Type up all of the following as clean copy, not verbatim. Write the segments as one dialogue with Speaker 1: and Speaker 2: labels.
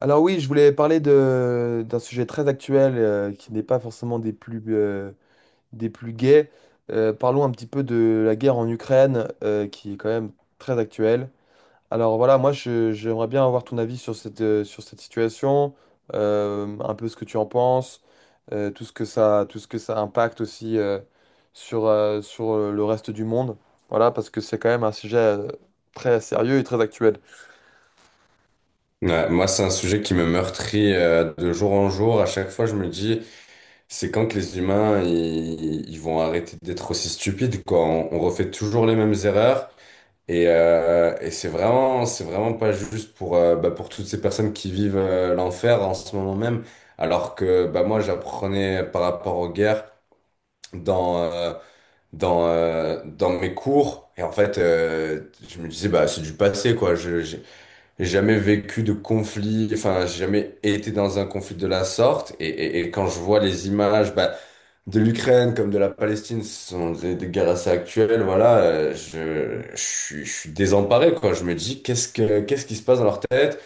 Speaker 1: Alors oui, je voulais parler d'un sujet très actuel, qui n'est pas forcément des plus, des plus gais. Parlons un petit peu de la guerre en Ukraine, qui est quand même très actuelle. Alors voilà, moi, j'aimerais bien avoir ton avis sur cette, sur cette situation, un peu ce que tu en penses, tout ce que ça impacte aussi, sur le reste du monde. Voilà, parce que c'est quand même un sujet, très sérieux et très actuel.
Speaker 2: Ouais, moi, c'est un sujet qui me meurtrit de jour en jour. À chaque fois, je me dis, c'est quand que les humains, ils vont arrêter d'être aussi stupides, quoi. On refait toujours les mêmes erreurs. Et c'est vraiment pas juste pour, bah, pour toutes ces personnes qui vivent l'enfer en ce moment même. Alors que bah, moi, j'apprenais par rapport aux guerres dans, euh, dans mes cours. Et en fait, je me disais, bah, c'est du passé, quoi. J'ai jamais vécu de conflit, enfin, j'ai jamais été dans un conflit de la sorte. Et quand je vois les images bah, de l'Ukraine comme de la Palestine, ce sont des guerres assez actuelles, voilà, je suis désemparé, quoi. Je me dis, qu'est-ce qui se passe dans leur tête?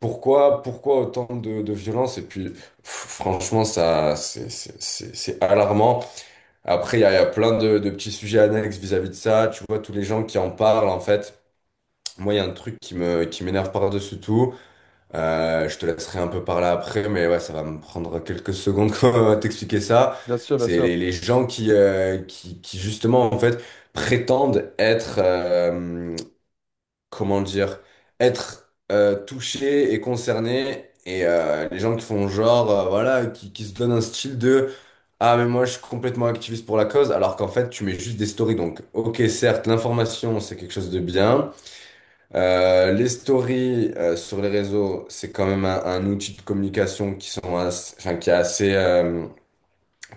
Speaker 2: Pourquoi, pourquoi autant de violence? Et puis, pff, franchement, ça, c'est alarmant. Après, il y a plein de petits sujets annexes vis-à-vis de ça. Tu vois, tous les gens qui en parlent, en fait. Moi, il y a un truc qui m'énerve par-dessus tout. Je te laisserai un peu parler après, mais ouais, ça va me prendre quelques secondes quand on va t'expliquer ça.
Speaker 1: Bien sûr, bien
Speaker 2: C'est
Speaker 1: sûr.
Speaker 2: les gens qui, justement, en fait, prétendent être, comment dire, être touchés et concernés. Et les gens qui font genre, voilà, qui se donnent un style de «Ah, mais moi, je suis complètement activiste pour la cause», alors qu'en fait, tu mets juste des stories. Donc, ok, certes, l'information, c'est quelque chose de bien, les stories sur les réseaux, c'est quand même un outil de communication qui sont as- enfin,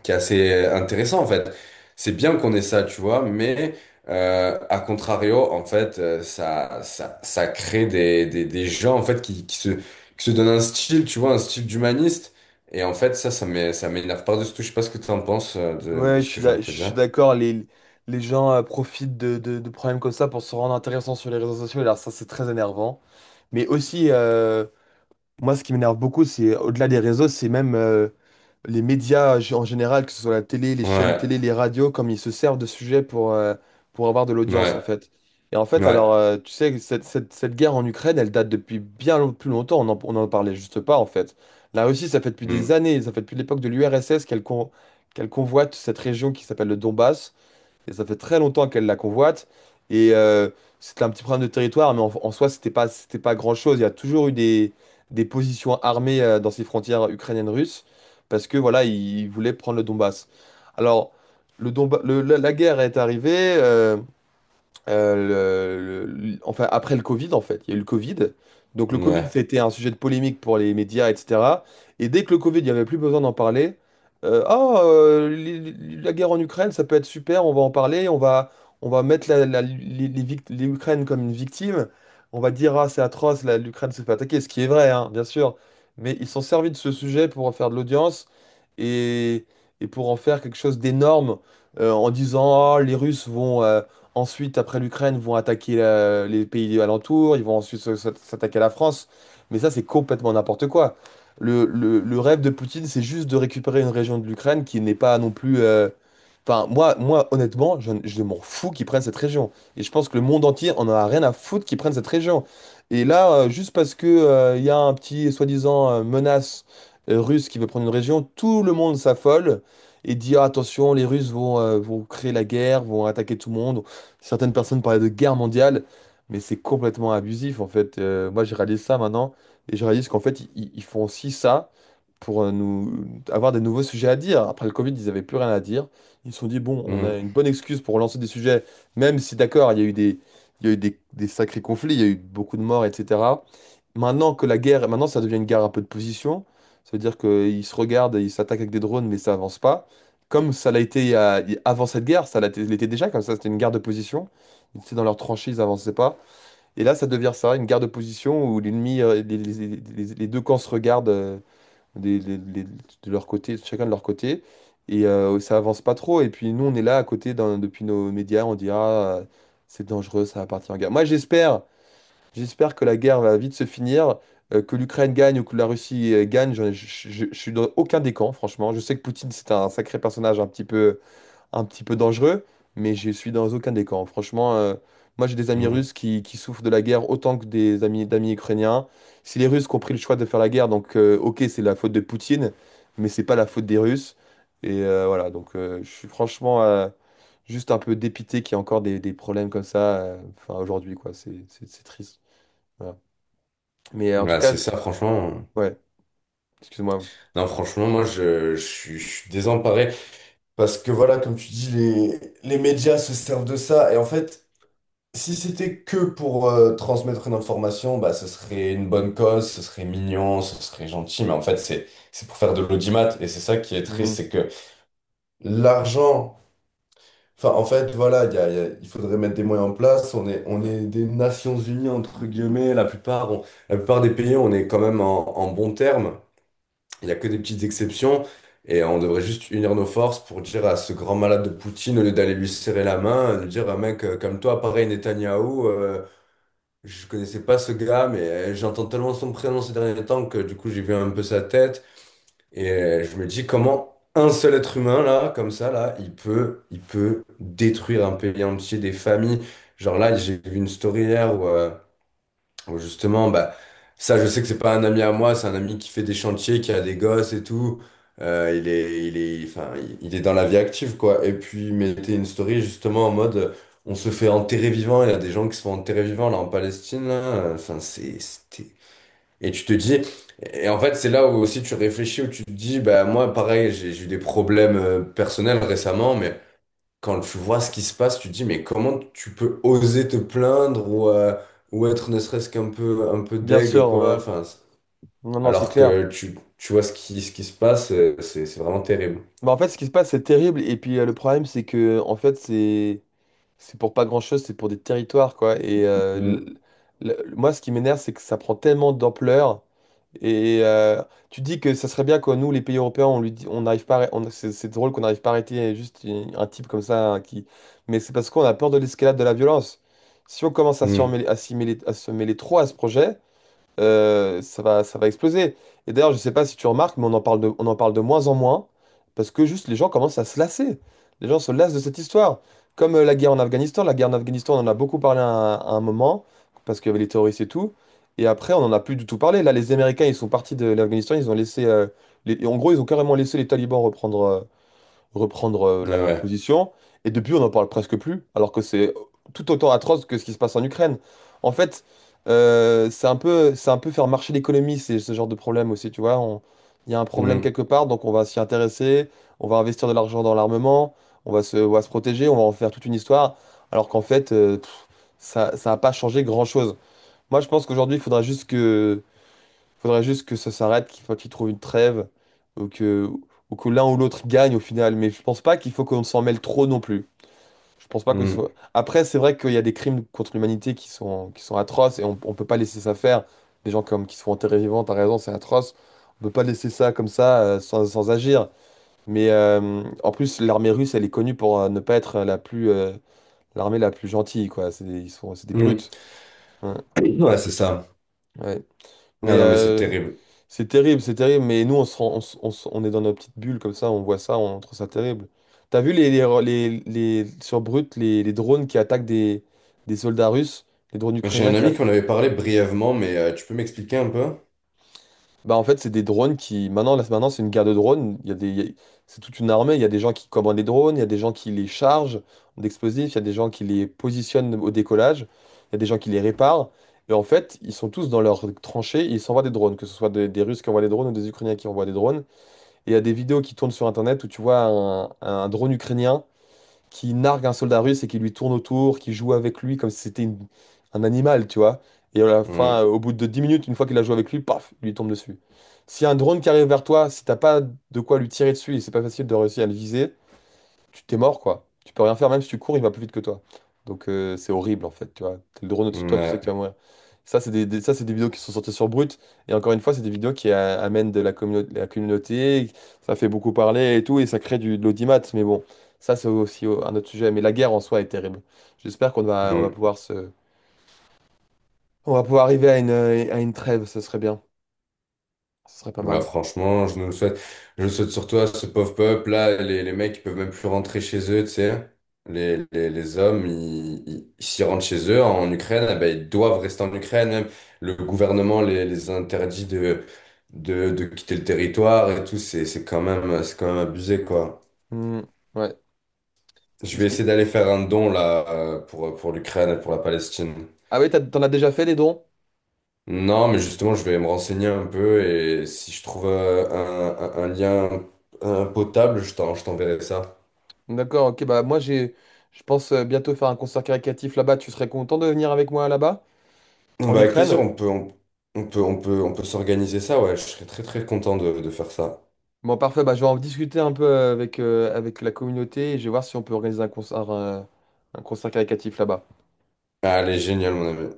Speaker 2: qui est assez intéressant en fait. C'est bien qu'on ait ça, tu vois, mais à contrario, en fait, ça crée des gens en fait qui se donnent un style, tu vois, un style d'humaniste. Et en fait, ça m'énerve par-dessus tout. Je sais pas ce que tu en penses de
Speaker 1: Ouais,
Speaker 2: ce que je viens de
Speaker 1: je
Speaker 2: te
Speaker 1: suis
Speaker 2: dire.
Speaker 1: d'accord. Les gens profitent de problèmes comme ça pour se rendre intéressants sur les réseaux sociaux. Alors, ça, c'est très énervant. Mais aussi, moi, ce qui m'énerve beaucoup, c'est au-delà des réseaux, c'est même, les médias en général, que ce soit la télé, les chaînes
Speaker 2: Ouais,
Speaker 1: télé, les radios, comme ils se servent de sujets pour pour avoir de l'audience, en
Speaker 2: ouais,
Speaker 1: fait. Et en fait,
Speaker 2: ouais.
Speaker 1: alors, tu sais, cette guerre en Ukraine, elle date depuis plus longtemps, on en parlait juste pas, en fait. La Russie, ça fait depuis des
Speaker 2: Mm.
Speaker 1: années, ça fait depuis l'époque de l'URSS qu'elle convoite cette région qui s'appelle le Donbass. Et ça fait très longtemps qu'elle la convoite. Et euh, C'était un petit problème de territoire, mais en soi, c'était pas grand-chose. Il y a toujours eu des positions armées dans ces frontières ukrainiennes-russes, parce que voilà, ils voulaient prendre le Donbass. Alors, le Donba- le- la guerre est arrivée. Enfin, après le Covid, en fait. Il y a eu le Covid. Donc le Covid,
Speaker 2: Ouais.
Speaker 1: c'était un sujet de polémique pour les médias, etc. Et dès que le Covid, il n'y avait plus besoin d'en parler, la guerre en Ukraine, ça peut être super, on va en parler, on va mettre les les Ukraines comme une victime. On va dire, ah, c'est atroce, l'Ukraine se fait attaquer, ce qui est vrai, hein, bien sûr. Mais ils sont servis de ce sujet pour en faire de l'audience et, et pour en faire quelque chose d'énorme, en disant, ah, les Russes vont... Ensuite, après l'Ukraine, vont attaquer les pays alentours, ils vont ensuite s'attaquer à la France. Mais ça, c'est complètement n'importe quoi. Le rêve de Poutine, c'est juste de récupérer une région de l'Ukraine qui n'est pas non plus... Enfin, moi, honnêtement, je m'en fous qu'ils prennent cette région. Et je pense que le monde entier en a rien à foutre qu'ils prennent cette région. Et là, juste parce que, il y a un petit soi-disant menace russe qui veut prendre une région, tout le monde s'affole et dit, ah, attention, les Russes vont créer la guerre, vont attaquer tout le monde. Certaines personnes parlaient de guerre mondiale, mais c'est complètement abusif en fait. Moi, je réalise ça maintenant et je réalise qu'en fait, ils font aussi ça pour nous avoir des nouveaux sujets à dire. Après le Covid, ils n'avaient plus rien à dire. Ils se sont dit, bon, on a une bonne excuse pour lancer des sujets, même si d'accord, il y a eu il y a eu des sacrés conflits, il y a eu beaucoup de morts, etc. Maintenant ça devient une guerre un peu de position. Ça veut dire qu'ils se regardent et ils s'attaquent avec des drones, mais ça avance pas. Comme ça l'a été il y a- il- avant cette guerre, ça l'a été l'était déjà, comme ça c'était une guerre de position. Ils étaient dans leurs tranchées, ils avançaient pas. Et là, ça devient ça, une guerre de position où les deux camps se regardent, de leur côté, chacun de leur côté. Et ça avance pas trop. Et puis nous, on est là à côté depuis nos médias, on dit ah, c'est dangereux, ça va partir en guerre. Moi, j'espère que la guerre va vite se finir, que l'Ukraine gagne ou que la Russie gagne. J'en ai- je suis dans aucun des camps, franchement. Je sais que Poutine, c'est un sacré personnage un petit peu dangereux, mais je suis dans aucun des camps. Franchement, moi j'ai des amis
Speaker 2: Mm.
Speaker 1: russes qui souffrent de la guerre autant que des amis d'amis ukrainiens. Si les Russes qui ont pris le choix de faire la guerre, donc ok, c'est la faute de Poutine, mais c'est pas la faute des Russes. Voilà, donc je suis franchement juste un peu dépité qu'il y ait encore des problèmes comme ça, enfin aujourd'hui quoi, c'est triste. Voilà. Mais en tout
Speaker 2: Ouais,
Speaker 1: cas,
Speaker 2: c'est ça, franchement.
Speaker 1: ouais, excuse-moi.
Speaker 2: Non, franchement, moi, je suis désemparé. Parce que voilà, comme tu dis, les médias se servent de ça. Et en fait, si c'était que pour transmettre une information, bah, ce serait une bonne cause, ce serait mignon, ce serait gentil. Mais en fait, c'est pour faire de l'audimat. Et c'est ça qui est triste,
Speaker 1: Mhm.
Speaker 2: c'est que l'argent... Enfin, en fait, voilà, il faudrait mettre des moyens en place. On est des Nations Unies, entre guillemets. La plupart des pays, on est quand même en, en bon terme. Il n'y a que des petites exceptions. Et on devrait juste unir nos forces pour dire à ce grand malade de Poutine, au lieu d'aller lui serrer la main, de dire, ah, mec, comme toi, pareil, Netanyahou, je connaissais pas ce gars, mais j'entends tellement son prénom ces derniers temps que du coup, j'ai vu un peu sa tête. Et je me dis, comment un seul être humain, là, comme ça, là, il peut détruire un pays entier, des familles. Genre là, j'ai vu une story hier où... Bon, justement, bah, ça, je sais que c'est pas un ami à moi, c'est un ami qui fait des chantiers, qui a des gosses et tout. Il est, enfin, il est dans la vie active, quoi. Et puis, il mettait une story justement en mode, on se fait enterrer vivant. Il y a des gens qui se font enterrer vivant là en Palestine, là. Enfin, c'est, c'était. Et tu te dis, et en fait, c'est là où aussi tu réfléchis, où tu te dis, bah moi, pareil, j'ai eu des problèmes personnels récemment, mais quand tu vois ce qui se passe, tu te dis, mais comment tu peux oser te plaindre ou être ne serait-ce qu'un peu, un peu
Speaker 1: Bien
Speaker 2: deg,
Speaker 1: sûr,
Speaker 2: quoi.
Speaker 1: ouais. Non, non, c'est
Speaker 2: Alors
Speaker 1: clair.
Speaker 2: que tu vois ce qui se passe, c'est vraiment terrible.
Speaker 1: Bah, en fait, ce qui se passe, c'est terrible. Et puis, le problème, c'est que, en fait, c'est. C'est pour pas grand-chose, c'est pour des territoires, quoi. Et
Speaker 2: Mm.
Speaker 1: moi, ce qui m'énerve, c'est que ça prend tellement d'ampleur. Et tu dis que ça serait bien que nous, les pays européens, on lui dit, on n'arrive pas c'est drôle qu'on n'arrive pas à arrêter juste un type comme ça hein, qui. Mais c'est parce qu'on a peur de l'escalade de la violence. Si on commence à
Speaker 2: Mm.
Speaker 1: à s'y mêler, à se mêler trop à ce projet, ça va exploser. Et d'ailleurs, je sais pas si tu remarques, mais on en parle de moins en moins parce que juste les gens commencent à se lasser. Les gens se lassent de cette histoire. Comme la guerre en Afghanistan. La guerre en Afghanistan, on en a beaucoup parlé un à un moment parce qu'il y avait les terroristes et tout. Et après, on n'en a plus du tout parlé. Là, les Américains, ils sont partis de l'Afghanistan. Ils ont laissé, en gros, ils ont carrément laissé les talibans reprendre. euh, reprendre euh,
Speaker 2: Ouais,
Speaker 1: la,
Speaker 2: ouais.
Speaker 1: position. Et depuis, on n'en parle presque plus, alors que c'est tout autant atroce que ce qui se passe en Ukraine. En fait, c'est un peu faire marcher l'économie, c'est ce genre de problème aussi, tu vois. Il y a un problème
Speaker 2: Mm.
Speaker 1: quelque part, donc on va s'y intéresser, on va investir de l'argent dans l'armement, on va se protéger, on va en faire toute une histoire, alors qu'en fait, ça, ça n'a pas changé grand-chose. Moi, je pense qu'aujourd'hui, il faudra juste que faudrait juste que ça s'arrête, qu'il faut qu'il trouve une trêve, ou que, ou que l'un ou l'autre gagne au final. Mais je pense pas qu'il faut qu'on s'en mêle trop non plus. Je pense pas qu'il
Speaker 2: Mm.
Speaker 1: faut... Après, c'est vrai qu'il y a des crimes contre l'humanité qui sont atroces et on peut pas laisser ça faire. Des gens comme qui sont enterrés vivants, t'as raison, c'est atroce. On peut pas laisser ça comme ça sans agir. Mais en plus, l'armée russe, elle est connue pour ne pas être la plus, l'armée la plus gentille, quoi. C'est des
Speaker 2: Mm.
Speaker 1: brutes. Ouais.
Speaker 2: Ouais, c'est ça.
Speaker 1: Ouais.
Speaker 2: Non,
Speaker 1: Mais
Speaker 2: non, mais c'est terrible.
Speaker 1: c'est terrible, c'est terrible, mais nous, on se rend- on, se- on se- on est dans nos petites bulles comme ça, on voit ça, on trouve ça terrible. T'as vu sur Brut, les drones qui attaquent des soldats russes, les drones
Speaker 2: J'ai
Speaker 1: ukrainiens
Speaker 2: un
Speaker 1: qui...
Speaker 2: ami
Speaker 1: a-
Speaker 2: qu'on avait parlé brièvement, mais tu peux m'expliquer un peu?
Speaker 1: Bah, en fait, c'est des drones qui... Maintenant, là, maintenant c'est une guerre de drones, il y a des, il y a- c'est toute une armée, il y a des gens qui commandent les drones, il y a des gens qui les chargent d'explosifs, il y a des gens qui les positionnent au décollage, il y a des gens qui les réparent. Et en fait, ils sont tous dans leurs tranchées, et ils s'envoient des drones, que ce soit des Russes qui envoient des drones ou des Ukrainiens qui envoient des drones. Et il y a des vidéos qui tournent sur Internet où tu vois un drone ukrainien qui nargue un soldat russe et qui lui tourne autour, qui joue avec lui comme si c'était un animal, tu vois. Et à la fin,
Speaker 2: Mm.
Speaker 1: au bout de 10 minutes, une fois qu'il a joué avec lui, paf, il lui tombe dessus. Si un drone qui arrive vers toi, si t'as pas de quoi lui tirer dessus et c'est pas facile de réussir à le viser, tu t'es mort, quoi. Tu peux rien faire, même si tu cours, il va plus vite que toi. Donc c'est horrible, en fait, tu vois. T'as le drone au-dessus de toi, tu sais qu'il va
Speaker 2: Ouais.
Speaker 1: mourir. Ça, c'est ça, c'est des vidéos qui sont sorties sur Brut. Et encore une fois, c'est des vidéos qui amènent de la, communauté la communauté. Ça fait beaucoup parler et tout, et ça crée de l'audimat. Mais bon, ça, c'est aussi un autre sujet. Mais la guerre en soi est terrible. On va
Speaker 2: Mm.
Speaker 1: pouvoir se... On va pouvoir arriver à à une trêve, ce serait bien. Ce serait pas
Speaker 2: Bah
Speaker 1: mal.
Speaker 2: franchement, je nous le souhaite. Je le souhaite surtout à ce pauvre peuple là, les mecs ils peuvent même plus rentrer chez eux, tu sais. Les hommes, s'ils rentrent chez eux en Ukraine, eh ben, ils doivent rester en Ukraine. Même le gouvernement les interdit de de quitter le territoire et tout. C'est quand même abusé, quoi.
Speaker 1: Hmm, ouais.
Speaker 2: Je
Speaker 1: Est-ce
Speaker 2: vais essayer
Speaker 1: qui...
Speaker 2: d'aller faire un don là pour l'Ukraine et pour la Palestine.
Speaker 1: Ah oui, t'en as déjà fait les dons?
Speaker 2: Non, mais justement, je vais me renseigner un peu et si je trouve un lien potable, je t'enverrai ça.
Speaker 1: D'accord, ok, bah moi je pense bientôt faire un concert caritatif là-bas. Tu serais content de venir avec moi là-bas, en
Speaker 2: Bah, avec
Speaker 1: Ukraine?
Speaker 2: plaisir, on peut s'organiser ça, ouais, je serais très très content de faire ça.
Speaker 1: Bon, parfait, bah je vais en discuter un peu avec la communauté et je vais voir si on peut organiser un concert, un concert caritatif là-bas.
Speaker 2: Allez, génial, mon ami.